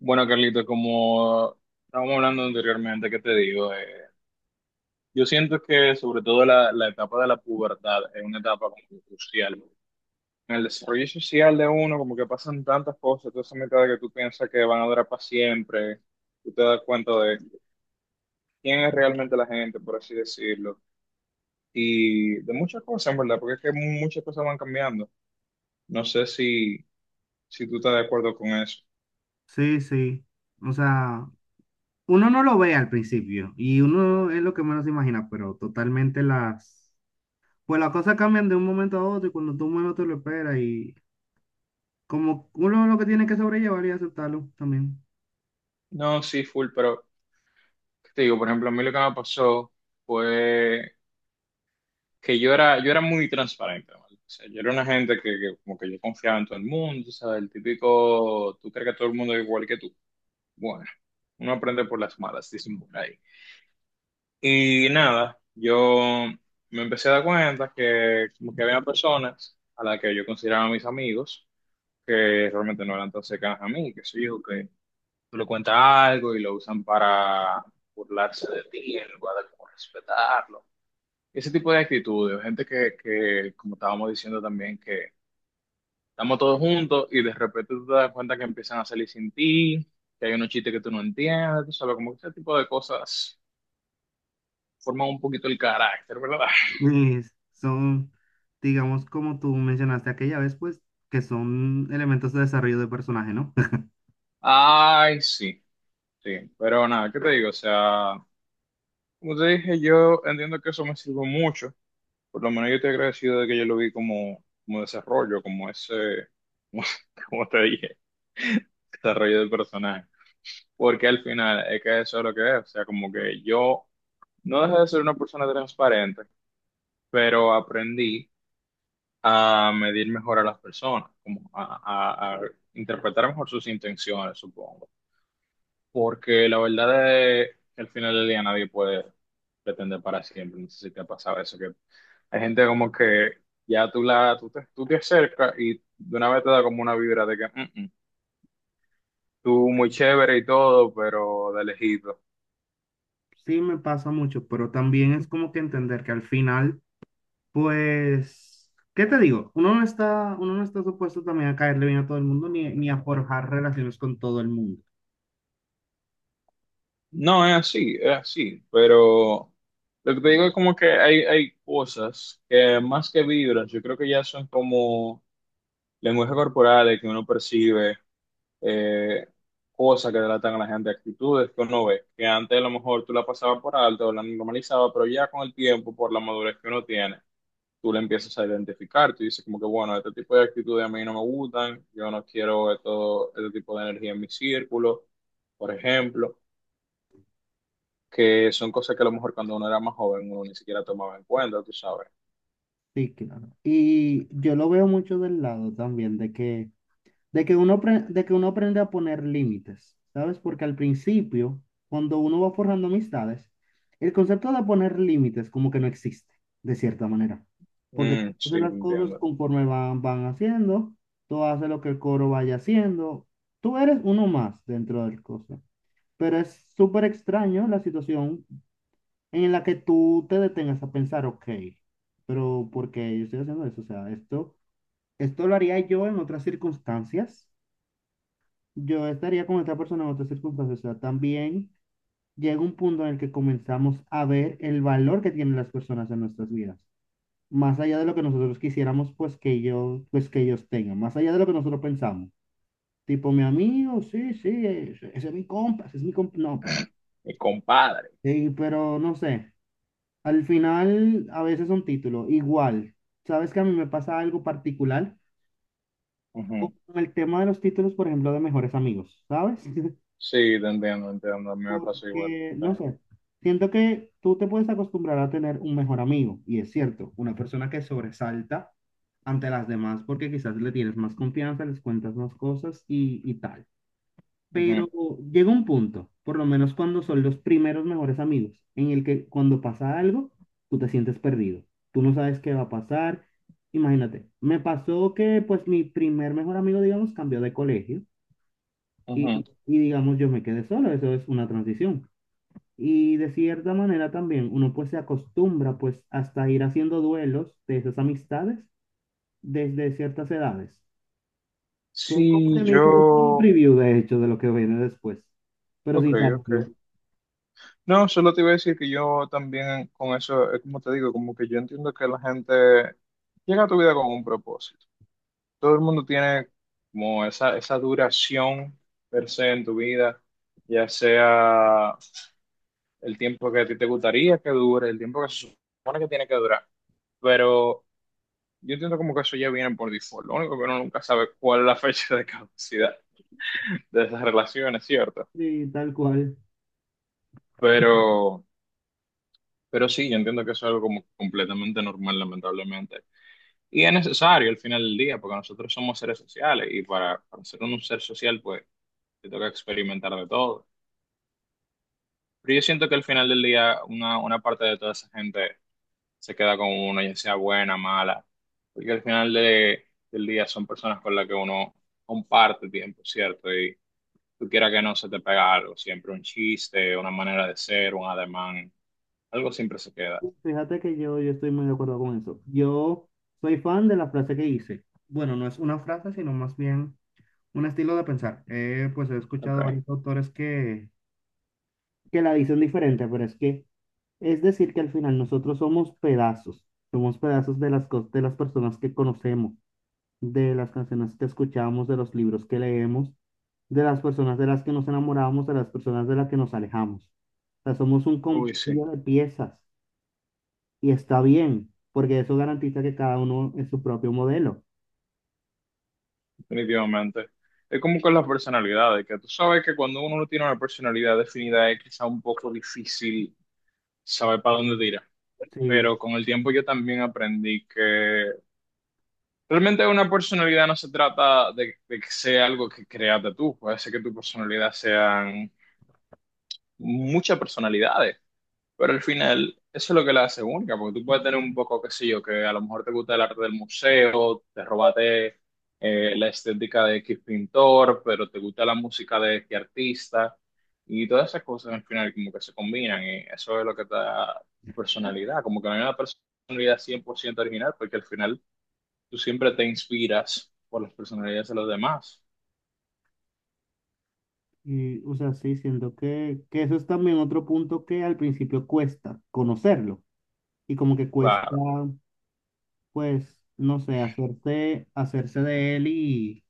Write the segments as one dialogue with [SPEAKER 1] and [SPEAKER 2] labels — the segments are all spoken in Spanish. [SPEAKER 1] Bueno, Carlito, como estábamos hablando anteriormente, ¿qué te digo? Yo siento que sobre todo la etapa de la pubertad es una etapa como que crucial. En el desarrollo social de uno, como que pasan tantas cosas, toda esa mitad que tú piensas que van a durar para siempre, tú te das cuenta de quién es realmente la gente, por así decirlo, y de muchas cosas, en verdad, porque es que muchas cosas van cambiando. No sé si tú estás de acuerdo con eso.
[SPEAKER 2] Sí, sí. O sea, uno no lo ve al principio y uno es lo que menos se imagina, pero totalmente las... Pues las cosas cambian de un momento a otro y cuando tú menos te lo esperas y como uno lo que tiene que sobrellevar y aceptarlo también.
[SPEAKER 1] No, sí, full, pero, ¿qué te digo? Por ejemplo, a mí lo que me pasó fue que yo era muy transparente, ¿vale? O sea, yo era una gente que como que yo confiaba en todo el mundo, ¿sabes? El típico, tú crees que todo el mundo es igual que tú. Bueno, uno aprende por las malas, dicen por ahí. Y nada, yo me empecé a dar cuenta que como que había personas a las que yo consideraba mis amigos, que realmente no eran tan cercanas a mí, que sé yo, que tú le cuentas algo y lo usan para burlarse de ti, en lugar de como respetarlo. Ese tipo de actitudes, o gente que, como estábamos diciendo también, que estamos todos juntos y de repente tú te das cuenta que empiezan a salir sin ti, que hay unos chistes que tú no entiendes, tú sabes, como que ese tipo de cosas forman un poquito el carácter, ¿verdad?
[SPEAKER 2] Sí, son, digamos, como tú mencionaste aquella vez, pues que son elementos de desarrollo de personaje, ¿no?
[SPEAKER 1] Ay, sí, sí, pero nada, ¿qué te digo? O sea, como te dije, yo entiendo que eso me sirve mucho. Por lo menos yo estoy agradecido de que yo lo vi como, desarrollo, como ese, como, como te dije, desarrollo del personaje. Porque al final es que eso es lo que es. O sea, como que yo no dejé de ser una persona transparente, pero aprendí a medir mejor a las personas, como a interpretar mejor sus intenciones, supongo. Porque la verdad es que al final del día nadie puede pretender para siempre. No sé si te ha pasado eso, que hay gente como que ya tú te acercas y de una vez te da como una vibra de que "Mm, mm, tú muy chévere y todo, pero de lejito.
[SPEAKER 2] Sí, me pasa mucho, pero también es como que entender que al final... Pues, ¿qué te digo? Uno no está supuesto también a caerle bien a todo el mundo ni a forjar relaciones con todo el mundo.
[SPEAKER 1] No, es así, pero lo que te digo es como que hay cosas que más que vibras, yo creo que ya son como lenguaje corporal que uno percibe. eh, Cosas que tratan a la gente, actitudes que uno ve, que antes a lo mejor tú la pasabas por alto, o la normalizabas, pero ya con el tiempo, por la madurez que uno tiene, tú le empiezas a identificar, tú dices como que, bueno, este tipo de actitudes a mí no me gustan, yo no quiero esto, este tipo de energía en mi círculo, por ejemplo, que son cosas que a lo mejor cuando uno era más joven uno ni siquiera tomaba en cuenta, tú sabes.
[SPEAKER 2] Sí, claro. Y yo lo veo mucho del lado también de que uno aprende a poner límites, ¿sabes? Porque al principio, cuando uno va forjando amistades, el concepto de poner límites como que no existe, de cierta manera. Porque tú
[SPEAKER 1] Mm,
[SPEAKER 2] haces
[SPEAKER 1] sí, te
[SPEAKER 2] las cosas
[SPEAKER 1] entiendo.
[SPEAKER 2] conforme van haciendo, tú haces lo que el coro vaya haciendo, tú eres uno más dentro del cosa. Pero es súper extraño la situación en la que tú te detengas a pensar, ok, pero ¿por qué yo estoy haciendo eso? O sea, esto lo haría yo en otras circunstancias. Yo estaría con esta persona en otras circunstancias. O sea, también llega un punto en el que comenzamos a ver el valor que tienen las personas en nuestras vidas. Más allá de lo que nosotros quisiéramos, pues que ellos tengan. Más allá de lo que nosotros pensamos. Tipo, mi amigo, sí, sí, ese es mi compa, ese es mi compa. No, pero,
[SPEAKER 1] Mi compadre.
[SPEAKER 2] sí, pero no sé. Al final, a veces un título, igual. ¿Sabes que a mí me pasa algo particular
[SPEAKER 1] Ujú.
[SPEAKER 2] con el tema de los títulos, por ejemplo, de mejores amigos? ¿Sabes?
[SPEAKER 1] Sí, te entiendo, entiendo, a mí me pasa igual.
[SPEAKER 2] Que,
[SPEAKER 1] Sí.
[SPEAKER 2] no sé, siento que tú te puedes acostumbrar a tener un mejor amigo, y es cierto, una persona que sobresalta ante las demás porque quizás le tienes más confianza, les cuentas más cosas y tal. Pero
[SPEAKER 1] Ujú,
[SPEAKER 2] llega un punto, por lo menos cuando son los primeros mejores amigos, en el que cuando pasa algo, tú te sientes perdido. Tú no sabes qué va a pasar. Imagínate, me pasó que pues mi primer mejor amigo, digamos, cambió de colegio
[SPEAKER 1] ujú.
[SPEAKER 2] y digamos yo me quedé solo. Eso es una transición. Y de cierta manera también uno pues se acostumbra pues hasta ir haciendo duelos de esas amistades desde ciertas edades. Que es como que
[SPEAKER 1] Sí,
[SPEAKER 2] me dice, es un
[SPEAKER 1] yo,
[SPEAKER 2] preview de hecho de lo que viene después, pero
[SPEAKER 1] ok,
[SPEAKER 2] sin saberlo.
[SPEAKER 1] ok. No, solo te iba a decir que yo también con eso, es como te digo, como que yo entiendo que la gente llega a tu vida con un propósito. Todo el mundo tiene como esa duración per se en tu vida, ya sea el tiempo que a ti te gustaría que dure, el tiempo que se supone que tiene que durar. Pero yo entiendo como que eso ya viene por default. Lo único que uno nunca sabe cuál es la fecha de caducidad de esas relaciones, ¿cierto? Ujú.
[SPEAKER 2] Sí, tal cual.
[SPEAKER 1] Pero... pero sí, yo entiendo que eso es algo como completamente normal, lamentablemente. Y es necesario al final del día, porque nosotros somos seres sociales y para ser un ser social, pues te toca experimentar de todo. Pero yo siento que al final del día una parte de toda esa gente se queda con uno, ya sea buena, mala, porque al final del día son personas con las que uno comparte tiempo, ¿cierto? Y tú quieras que no se te pega algo, siempre un chiste, una manera de ser, un ademán, algo siempre se queda.
[SPEAKER 2] Fíjate que yo estoy muy de acuerdo con eso. Yo soy fan de la frase que hice. Bueno, no es una frase, sino más bien un estilo de pensar. Pues he escuchado
[SPEAKER 1] Okay.
[SPEAKER 2] varios autores que la dicen diferente, pero es que es decir que al final nosotros somos pedazos. Somos pedazos de las personas que conocemos, de las canciones que escuchamos, de los libros que leemos, de las personas de las que nos enamoramos, de las personas de las que nos alejamos. O sea, somos un
[SPEAKER 1] Uy, sí.
[SPEAKER 2] compendio de piezas. Y está bien, porque eso garantiza que cada uno es su propio modelo.
[SPEAKER 1] Definitivamente. Es como con las personalidades, que tú sabes que cuando uno no tiene una personalidad definida es quizá un poco difícil saber para dónde tirar.
[SPEAKER 2] Sí,
[SPEAKER 1] Pero con el tiempo yo también aprendí que realmente una personalidad no se trata de que sea algo que creaste tú. Puede ser que tu personalidad sean muchas personalidades. Pero al final, eso es lo que la hace única, porque tú puedes tener un poco, qué sé yo, que a lo mejor te gusta el arte del museo, te robaste la estética de X pintor, pero te gusta la música de X artista, y todas esas cosas al final como que se combinan, y eso es lo que te da tu personalidad, como que no hay una personalidad 100% original, porque al final tú siempre te inspiras por las personalidades de los demás.
[SPEAKER 2] y, o sea, sí, siento que eso es también otro punto que al principio cuesta conocerlo y como que cuesta,
[SPEAKER 1] Claro,
[SPEAKER 2] pues, no sé, hacerse de él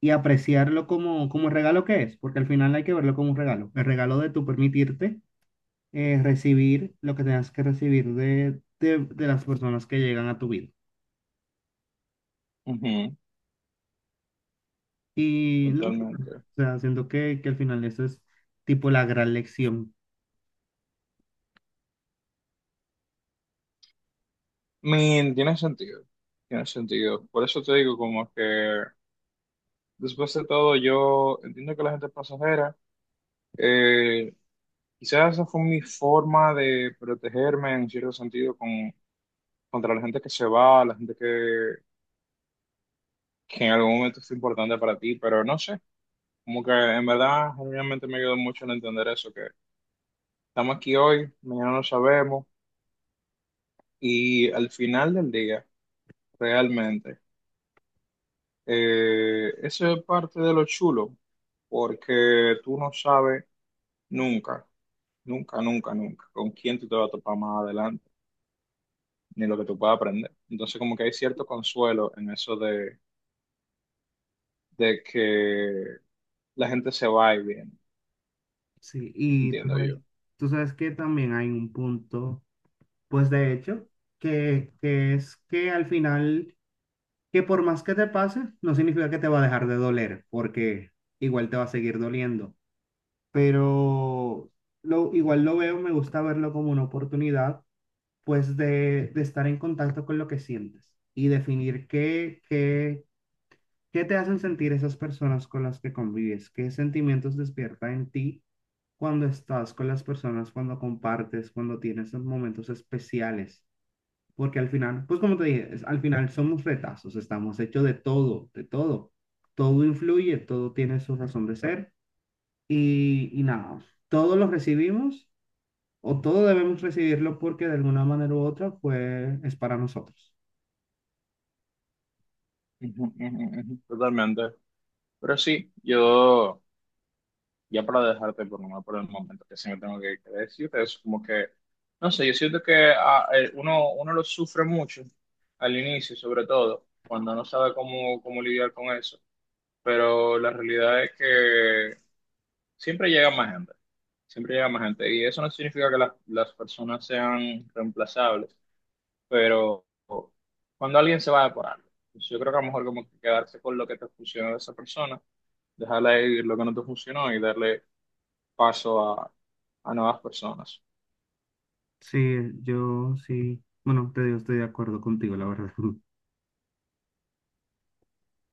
[SPEAKER 2] y apreciarlo como, como el regalo que es, porque al final hay que verlo como un regalo, el regalo de tu permitirte recibir lo que tengas que recibir de las personas que llegan a tu vida.
[SPEAKER 1] ujú,
[SPEAKER 2] Y no. O
[SPEAKER 1] totalmente.
[SPEAKER 2] sea, siento que al final eso es tipo la gran lección.
[SPEAKER 1] Min, tiene sentido. Tiene sentido. Por eso te digo como que después de todo, yo entiendo que la gente es pasajera. Eh, Quizás esa fue mi forma de protegerme en cierto sentido contra la gente que se va, la gente que en algún momento es importante para ti, pero no sé, como que en verdad, realmente me ayudó mucho en entender eso, que estamos aquí hoy, mañana no sabemos, y al final del día, realmente, eso es parte de lo chulo, porque tú no sabes nunca. Nunca, nunca, nunca. ¿Con quién tú te vas a topar más adelante? Ni lo que tú puedas aprender. Entonces, como que hay cierto consuelo en eso de, que la gente se va y viene,
[SPEAKER 2] Sí, y
[SPEAKER 1] entiendo yo.
[SPEAKER 2] tú sabes que también hay un punto, pues de hecho, que es que al final, que por más que te pase, no significa que te va a dejar de doler, porque igual te va a seguir doliendo. Pero lo, igual lo veo, me gusta verlo como una oportunidad, pues de estar en contacto con lo que sientes y definir qué. ¿Qué te hacen sentir esas personas con las que convives? ¿Qué sentimientos despierta en ti cuando estás con las personas, cuando compartes, cuando tienes esos momentos especiales? Porque al final, pues como te dije, es- al final somos retazos, estamos hechos de todo, de todo. Todo influye, todo tiene su razón de ser y nada, todo lo recibimos o todo debemos recibirlo porque de alguna manera u otra pues es para nosotros.
[SPEAKER 1] Ujú, ujú, ujú, totalmente. Pero sí, yo, ya para dejarte por nomás por el momento, que sí me tengo que decir es como que, no sé, yo siento que uno lo sufre mucho al inicio, sobre todo, cuando no sabe cómo lidiar con eso. Pero la realidad es que siempre llega más gente, siempre llega más gente. Y eso no significa que las personas sean reemplazables, pero cuando alguien se va por algo, pues yo creo que a lo mejor como que quedarse con lo que te funcionó de esa persona, dejarla ir lo que no te funcionó y darle paso a nuevas personas.
[SPEAKER 2] Sí, yo sí, bueno, te digo, estoy de acuerdo contigo, la verdad.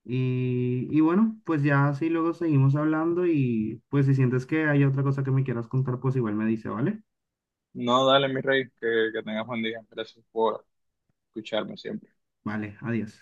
[SPEAKER 2] Y, y bueno, pues ya así luego seguimos hablando y pues si sientes que hay otra cosa que me quieras contar, pues igual me dice, ¿vale?
[SPEAKER 1] No, dale, mi rey, que tengas buen día. Gracias por escucharme siempre.
[SPEAKER 2] Vale, adiós.